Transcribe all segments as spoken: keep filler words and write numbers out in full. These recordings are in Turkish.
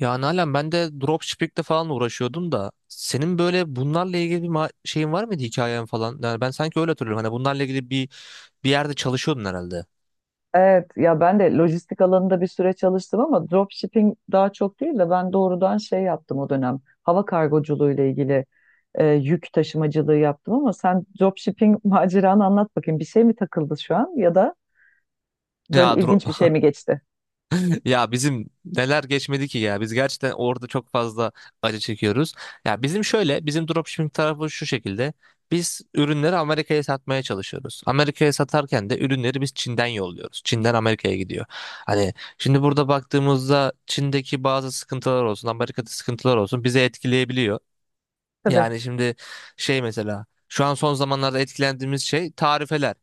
Ya Nalan ben de dropshipping'le falan uğraşıyordum da senin böyle bunlarla ilgili bir ma- şeyin var mıydı, hikayen falan? Yani ben sanki öyle hatırlıyorum. Hani bunlarla ilgili bir bir yerde çalışıyordun herhalde. Evet ya ben de lojistik alanında bir süre çalıştım ama dropshipping daha çok değil de ben doğrudan şey yaptım o dönem. Hava kargoculuğu ile ilgili e, yük taşımacılığı yaptım ama sen dropshipping maceranı anlat bakayım. Bir şey mi takıldı şu an ya da Ya böyle ilginç bir şey mi geçti? Ya bizim neler geçmedi ki ya. Biz gerçekten orada çok fazla acı çekiyoruz. Ya bizim şöyle, bizim dropshipping tarafı şu şekilde. Biz ürünleri Amerika'ya satmaya çalışıyoruz. Amerika'ya satarken de ürünleri biz Çin'den yolluyoruz. Çin'den Amerika'ya gidiyor. Hani şimdi burada baktığımızda Çin'deki bazı sıkıntılar olsun, Amerika'da sıkıntılar olsun bizi etkileyebiliyor. Tabii. Yani şimdi şey, mesela şu an son zamanlarda etkilendiğimiz şey tarifeler.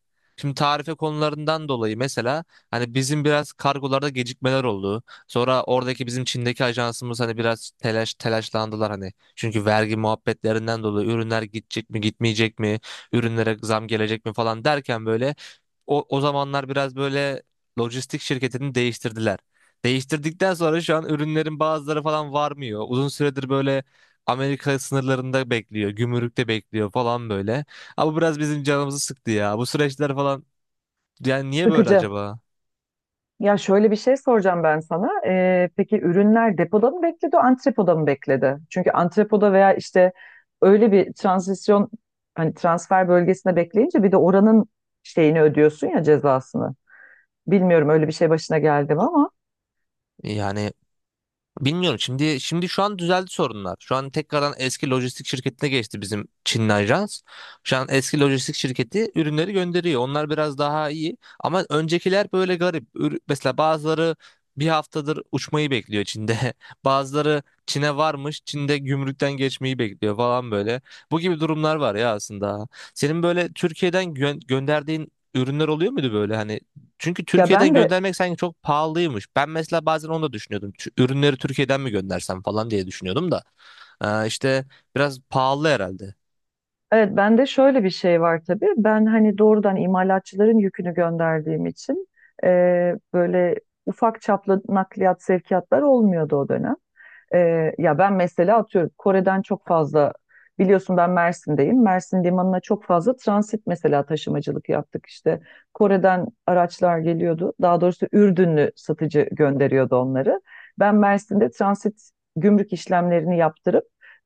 Şimdi tarife konularından dolayı mesela hani bizim biraz kargolarda gecikmeler oldu. Sonra oradaki bizim Çin'deki ajansımız hani biraz telaş telaşlandılar hani. Çünkü vergi muhabbetlerinden dolayı ürünler gidecek mi gitmeyecek mi? Ürünlere zam gelecek mi falan derken böyle o, o zamanlar biraz böyle lojistik şirketini değiştirdiler. Değiştirdikten sonra şu an ürünlerin bazıları falan varmıyor. Uzun süredir böyle Amerika sınırlarında bekliyor, gümrükte bekliyor falan böyle. Ama bu biraz bizim canımızı sıktı ya. Bu süreçler falan, yani niye böyle Sıkıcı. acaba? Ya şöyle bir şey soracağım ben sana. Ee, peki ürünler depoda mı bekledi, antrepoda mı bekledi? Çünkü antrepoda veya işte öyle bir transisyon hani transfer bölgesine bekleyince bir de oranın şeyini ödüyorsun ya cezasını. Bilmiyorum öyle bir şey başına geldi mi ama Yani bilmiyorum. Şimdi şimdi şu an düzeldi sorunlar. Şu an tekrardan eski lojistik şirketine geçti bizim Çinli ajans. Şu an eski lojistik şirketi ürünleri gönderiyor. Onlar biraz daha iyi ama öncekiler böyle garip. Ür- Mesela bazıları bir haftadır uçmayı bekliyor Çin'de. Bazıları Çin'e varmış, Çin'de gümrükten geçmeyi bekliyor falan böyle. Bu gibi durumlar var ya aslında. Senin böyle Türkiye'den gö- gönderdiğin ürünler oluyor muydu böyle? Hani çünkü ya Türkiye'den ben de göndermek sanki çok pahalıymış. Ben mesela bazen onu da düşünüyordum. Şu ürünleri Türkiye'den mi göndersem falan diye düşünüyordum da. Ee, işte biraz pahalı herhalde. Evet, bende şöyle bir şey var tabii. Ben hani doğrudan imalatçıların yükünü gönderdiğim için e, böyle ufak çaplı nakliyat sevkiyatlar olmuyordu o dönem. E, ya ben mesela atıyorum Kore'den çok fazla biliyorsun ben Mersin'deyim. Mersin limanına çok fazla transit mesela taşımacılık yaptık işte. Kore'den araçlar geliyordu. Daha doğrusu Ürdünlü satıcı gönderiyordu onları. Ben Mersin'de transit gümrük işlemlerini yaptırıp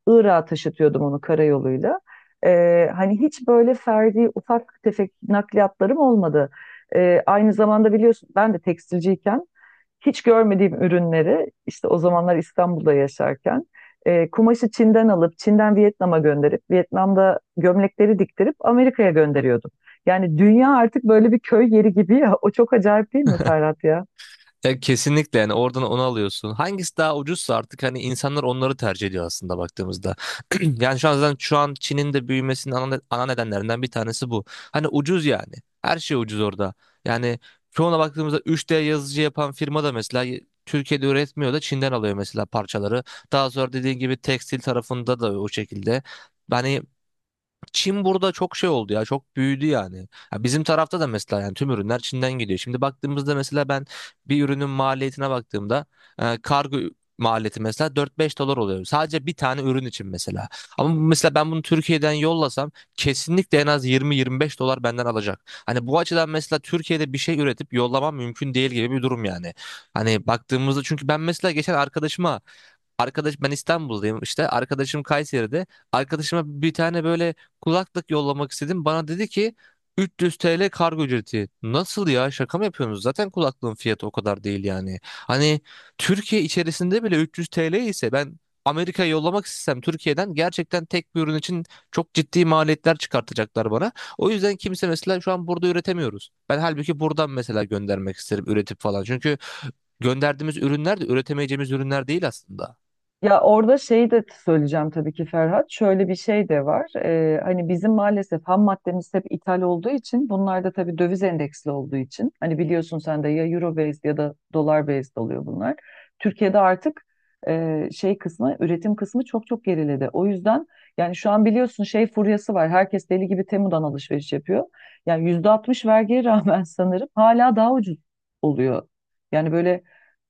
Irak'a taşıtıyordum onu karayoluyla. E, hani hiç böyle ferdi ufak tefek nakliyatlarım olmadı. E, aynı zamanda biliyorsun ben de tekstilciyken hiç görmediğim ürünleri işte o zamanlar İstanbul'da yaşarken e, kumaşı Çin'den alıp Çin'den Vietnam'a gönderip Vietnam'da gömlekleri diktirip Amerika'ya gönderiyordum. Yani dünya artık böyle bir köy yeri gibi ya. O çok acayip değil mi Ferhat ya? Ya kesinlikle, yani oradan onu alıyorsun. Hangisi daha ucuzsa artık hani insanlar onları tercih ediyor aslında baktığımızda. Yani şu an zaten şu an Çin'in de büyümesinin ana, ana nedenlerinden bir tanesi bu. Hani ucuz yani. Her şey ucuz orada. Yani çoğuna baktığımızda üç D yazıcı yapan firma da mesela Türkiye'de üretmiyor da Çin'den alıyor mesela parçaları. Daha sonra dediğin gibi tekstil tarafında da o şekilde. Yani Çin burada çok şey oldu ya, çok büyüdü yani. Ya bizim tarafta da mesela, yani tüm ürünler Çin'den geliyor. Şimdi baktığımızda mesela ben bir ürünün maliyetine baktığımda e, kargo maliyeti mesela dört beş dolar oluyor. Sadece bir tane ürün için mesela. Ama bu- mesela ben bunu Türkiye'den yollasam kesinlikle en az yirmi yirmi beş dolar benden alacak. Hani bu açıdan mesela Türkiye'de bir şey üretip yollamam mümkün değil gibi bir durum yani. Hani baktığımızda, çünkü ben mesela geçen arkadaşıma, arkadaş ben İstanbul'dayım işte, arkadaşım Kayseri'de. Arkadaşıma bir tane böyle kulaklık yollamak istedim. Bana dedi ki üç yüz T L kargo ücreti. Nasıl ya, şaka mı yapıyorsunuz? Zaten kulaklığın fiyatı o kadar değil yani. Hani Türkiye içerisinde bile üç yüz T L ise ben Amerika'ya yollamak istesem Türkiye'den gerçekten tek bir ürün için çok ciddi maliyetler çıkartacaklar bana. O yüzden kimse mesela şu an burada üretemiyoruz. Ben halbuki buradan mesela göndermek isterim üretip falan. Çünkü gönderdiğimiz ürünler de üretemeyeceğimiz ürünler değil aslında. Ya orada şey de söyleyeceğim tabii ki Ferhat. Şöyle bir şey de var. Ee, hani bizim maalesef ham maddemiz hep ithal olduğu için bunlar da tabii döviz endeksli olduğu için. Hani biliyorsun sen de ya euro based ya da dolar based oluyor bunlar. Türkiye'de artık e, şey kısmı üretim kısmı çok çok geriledi. O yüzden yani şu an biliyorsun şey furyası var. Herkes deli gibi Temu'dan alışveriş yapıyor. Yani yüzde altmış vergiye rağmen sanırım hala daha ucuz oluyor. Yani böyle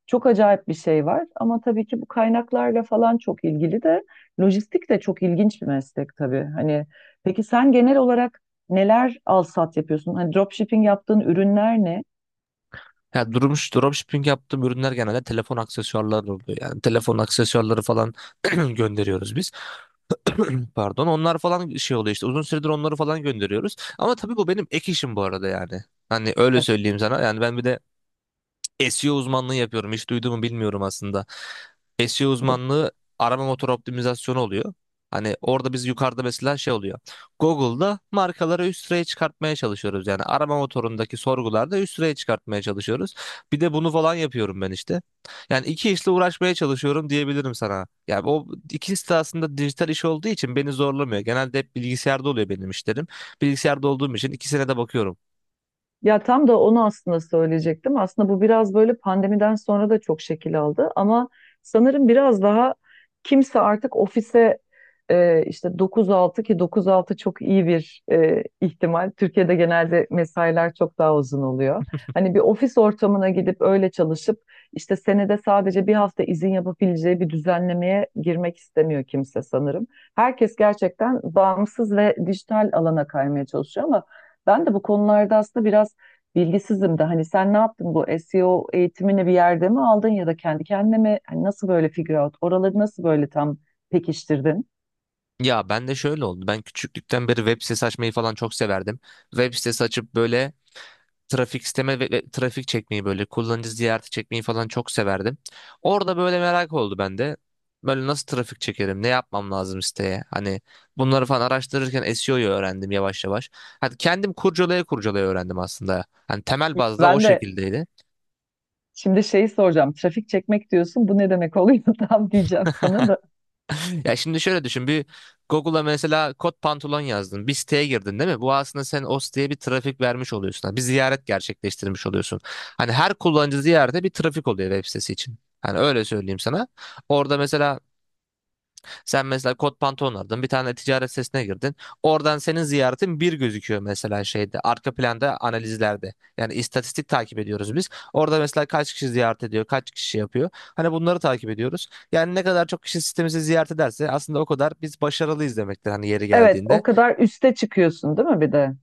çok acayip bir şey var ama tabii ki bu kaynaklarla falan çok ilgili de lojistik de çok ilginç bir meslek tabii. Hani peki sen genel olarak neler alsat yapıyorsun? Hani dropshipping yaptığın ürünler ne? Ya durmuş, dropshipping yaptığım ürünler genelde telefon aksesuarları oluyor. Yani telefon aksesuarları falan gönderiyoruz biz. Pardon. Onlar falan şey oluyor işte. Uzun süredir onları falan gönderiyoruz. Ama tabii bu benim ek işim bu arada yani. Hani öyle söyleyeyim sana. Yani ben bir de S E O uzmanlığı yapıyorum. Hiç duyduğumu bilmiyorum aslında. S E O uzmanlığı arama motor optimizasyonu oluyor. Hani orada biz yukarıda mesela şey oluyor. Google'da markaları üst sıraya çıkartmaya çalışıyoruz. Yani arama motorundaki sorgularda üst sıraya çıkartmaya çalışıyoruz. Bir de bunu falan yapıyorum ben işte. Yani iki işle uğraşmaya çalışıyorum diyebilirim sana. Yani o ikisi de aslında dijital iş olduğu için beni zorlamıyor. Genelde hep bilgisayarda oluyor benim işlerim. Bilgisayarda olduğum için ikisine de bakıyorum. Ya tam da onu aslında söyleyecektim. Aslında bu biraz böyle pandemiden sonra da çok şekil aldı ama sanırım biraz daha kimse artık ofise e, işte dokuz altı ki dokuz altı çok iyi bir e, ihtimal. Türkiye'de genelde mesailer çok daha uzun oluyor. Hani bir ofis ortamına gidip öyle çalışıp işte senede sadece bir hafta izin yapabileceği bir düzenlemeye girmek istemiyor kimse sanırım. Herkes gerçekten bağımsız ve dijital alana kaymaya çalışıyor ama ben de bu konularda aslında biraz bilgisizim de hani sen ne yaptın bu S E O eğitimini bir yerde mi aldın ya da kendi kendine mi hani nasıl böyle figure out oraları nasıl böyle tam pekiştirdin? Ya ben de şöyle oldu. Ben küçüklükten beri web sitesi açmayı falan çok severdim. Web sitesi açıp böyle trafik isteme ve, ve trafik çekmeyi, böyle kullanıcı ziyareti çekmeyi falan çok severdim. Orada böyle merak oldu bende. Böyle nasıl trafik çekerim? Ne yapmam lazım siteye? Hani bunları falan araştırırken S E O'yu öğrendim yavaş yavaş. Hani kendim kurcalaya kurcalaya öğrendim aslında. Hani temel bazda o Ben de şekildeydi. şimdi şeyi soracağım. Trafik çekmek diyorsun. Bu ne demek oluyor tam diyeceğim sana da. Ya şimdi şöyle düşün bir, Google'a mesela kot pantolon yazdın, bir siteye girdin değil mi? Bu aslında sen o siteye bir trafik vermiş oluyorsun. Hani bir ziyaret gerçekleştirmiş oluyorsun. Hani her kullanıcı ziyarete bir trafik oluyor web sitesi için. Hani öyle söyleyeyim sana. Orada mesela sen mesela kot pantolon aldın, bir tane ticaret sitesine girdin. Oradan senin ziyaretin bir gözüküyor mesela şeyde, arka planda analizlerde. Yani istatistik takip ediyoruz biz. Orada mesela kaç kişi ziyaret ediyor, kaç kişi yapıyor. Hani bunları takip ediyoruz. Yani ne kadar çok kişi sitemizi ziyaret ederse aslında o kadar biz başarılıyız demektir hani yeri Evet, geldiğinde. o kadar üste çıkıyorsun değil mi bir de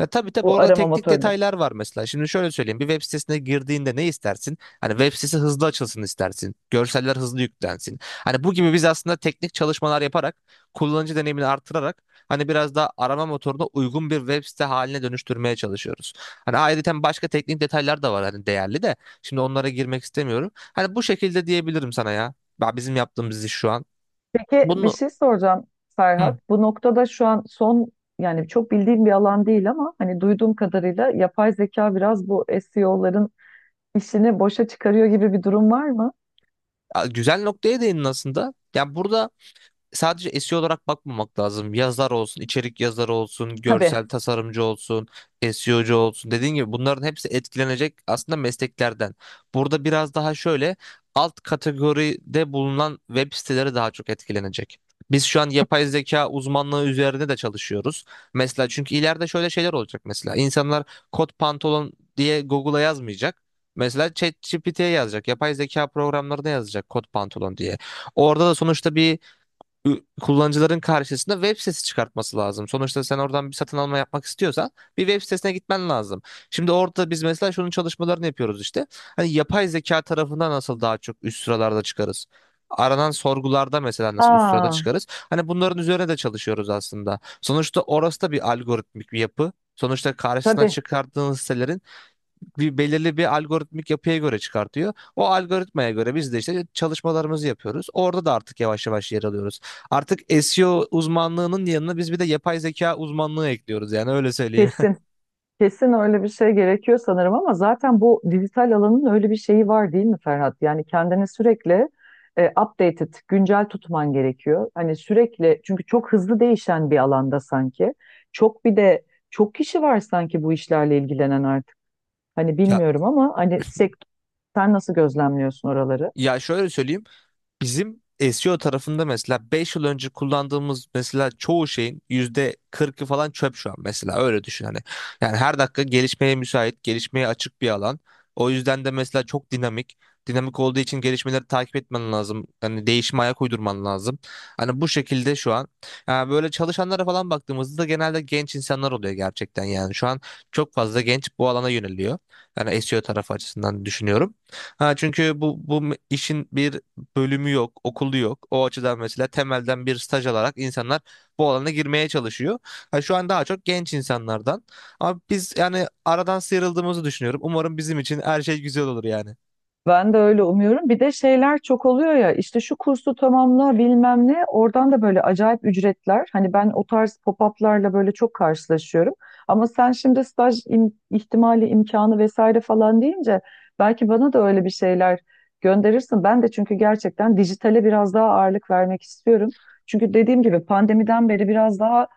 Ya tabii tabii, bu orada arama teknik motorunu? detaylar var mesela. Şimdi şöyle söyleyeyim. Bir web sitesine girdiğinde ne istersin? Hani web sitesi hızlı açılsın istersin. Görseller hızlı yüklensin. Hani bu gibi, biz aslında teknik çalışmalar yaparak, kullanıcı deneyimini artırarak hani biraz daha arama motoruna uygun bir web site haline dönüştürmeye çalışıyoruz. Hani ayrıca başka teknik detaylar da var hani, değerli de. Şimdi onlara girmek istemiyorum. Hani bu şekilde diyebilirim sana ya. Ya, bizim yaptığımız iş şu an. Peki bir Bunu şey soracağım Hı. Ferhat. Bu noktada şu an son yani çok bildiğim bir alan değil ama hani duyduğum kadarıyla yapay zeka biraz bu S E O'ların işini boşa çıkarıyor gibi bir durum var mı? ya Güzel noktaya değindin aslında. Ya burada sadece S E O olarak bakmamak lazım. Yazar olsun, içerik yazarı olsun, Tabii. görsel tasarımcı olsun, S E O'cu olsun. Dediğim gibi bunların hepsi etkilenecek aslında mesleklerden. Burada biraz daha şöyle alt kategoride bulunan web siteleri daha çok etkilenecek. Biz şu an yapay zeka uzmanlığı üzerine de çalışıyoruz. Mesela çünkü ileride şöyle şeyler olacak mesela. İnsanlar kot pantolon diye Google'a yazmayacak. Mesela ChatGPT'ye yazacak. Yapay zeka programlarına yazacak kot pantolon diye. Orada da sonuçta bir, ü- kullanıcıların karşısında web sitesi çıkartması lazım. Sonuçta sen oradan bir satın alma yapmak istiyorsan bir web sitesine gitmen lazım. Şimdi orada biz mesela şunun çalışmalarını yapıyoruz işte. Hani yapay zeka tarafından nasıl daha çok üst sıralarda çıkarız? Aranan sorgularda mesela nasıl üst sırada Aa, çıkarız? Hani bunların üzerine de çalışıyoruz aslında. Sonuçta orası da bir algoritmik bir yapı. Sonuçta karşısına tabii. çıkardığınız sitelerin bir belirli bir algoritmik yapıya göre çıkartıyor. O algoritmaya göre biz de işte çalışmalarımızı yapıyoruz. Orada da artık yavaş yavaş yer alıyoruz. Artık S E O uzmanlığının yanına biz bir de yapay zeka uzmanlığı ekliyoruz yani, öyle söyleyeyim. Kesin. Kesin öyle bir şey gerekiyor sanırım ama zaten bu dijital alanın öyle bir şeyi var değil mi Ferhat? Yani kendini sürekli e, updated, güncel tutman gerekiyor. Hani sürekli çünkü çok hızlı değişen bir alanda sanki. Çok bir de çok kişi var sanki bu işlerle ilgilenen artık. Hani Ya bilmiyorum ama hani sekt sen nasıl gözlemliyorsun oraları? ya şöyle söyleyeyim. Bizim S E O tarafında mesela beş yıl önce kullandığımız mesela çoğu şeyin yüzde kırkı falan çöp şu an mesela, öyle düşün hani. Yani her dakika gelişmeye müsait, gelişmeye açık bir alan. O yüzden de mesela çok dinamik. Dinamik olduğu için gelişmeleri takip etmen lazım. Hani değişime ayak uydurman lazım. Hani bu şekilde şu an. Yani böyle çalışanlara falan baktığımızda da genelde genç insanlar oluyor gerçekten yani. Şu an çok fazla genç bu alana yöneliyor. Yani S E O tarafı açısından düşünüyorum. Ha, çünkü bu bu me- işin bir bölümü yok, okulu yok. O açıdan mesela temelden bir staj alarak insanlar bu alana girmeye çalışıyor. Ha, şu an daha çok genç insanlardan. Ama biz yani aradan sıyrıldığımızı düşünüyorum. Umarım bizim için her şey güzel olur yani. Ben de öyle umuyorum. Bir de şeyler çok oluyor ya işte şu kursu tamamla bilmem ne oradan da böyle acayip ücretler. Hani ben o tarz pop-up'larla böyle çok karşılaşıyorum. Ama sen şimdi staj im- ihtimali imkanı vesaire falan deyince belki bana da öyle bir şeyler gönderirsin. Ben de çünkü gerçekten dijitale biraz daha ağırlık vermek istiyorum. Çünkü dediğim gibi pandemiden beri biraz daha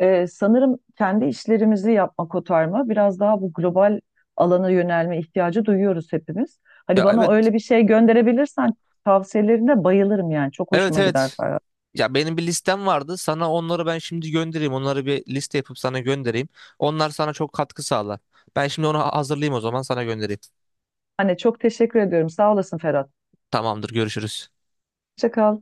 e, sanırım kendi işlerimizi yapma kotarma biraz daha bu global alana yönelme ihtiyacı duyuyoruz hepimiz. Hani Ya bana evet, öyle bir şey gönderebilirsen tavsiyelerine bayılırım yani. Çok evet, hoşuma gider evet. Ferhat. Ya benim bir listem vardı. Sana onları ben şimdi göndereyim. Onları bir liste yapıp sana göndereyim. Onlar sana çok katkı sağlar. Ben şimdi onu hazırlayayım, o zaman sana göndereyim. Hani çok teşekkür ediyorum. Sağ olasın Ferhat. Tamamdır, görüşürüz. Hoşça kal.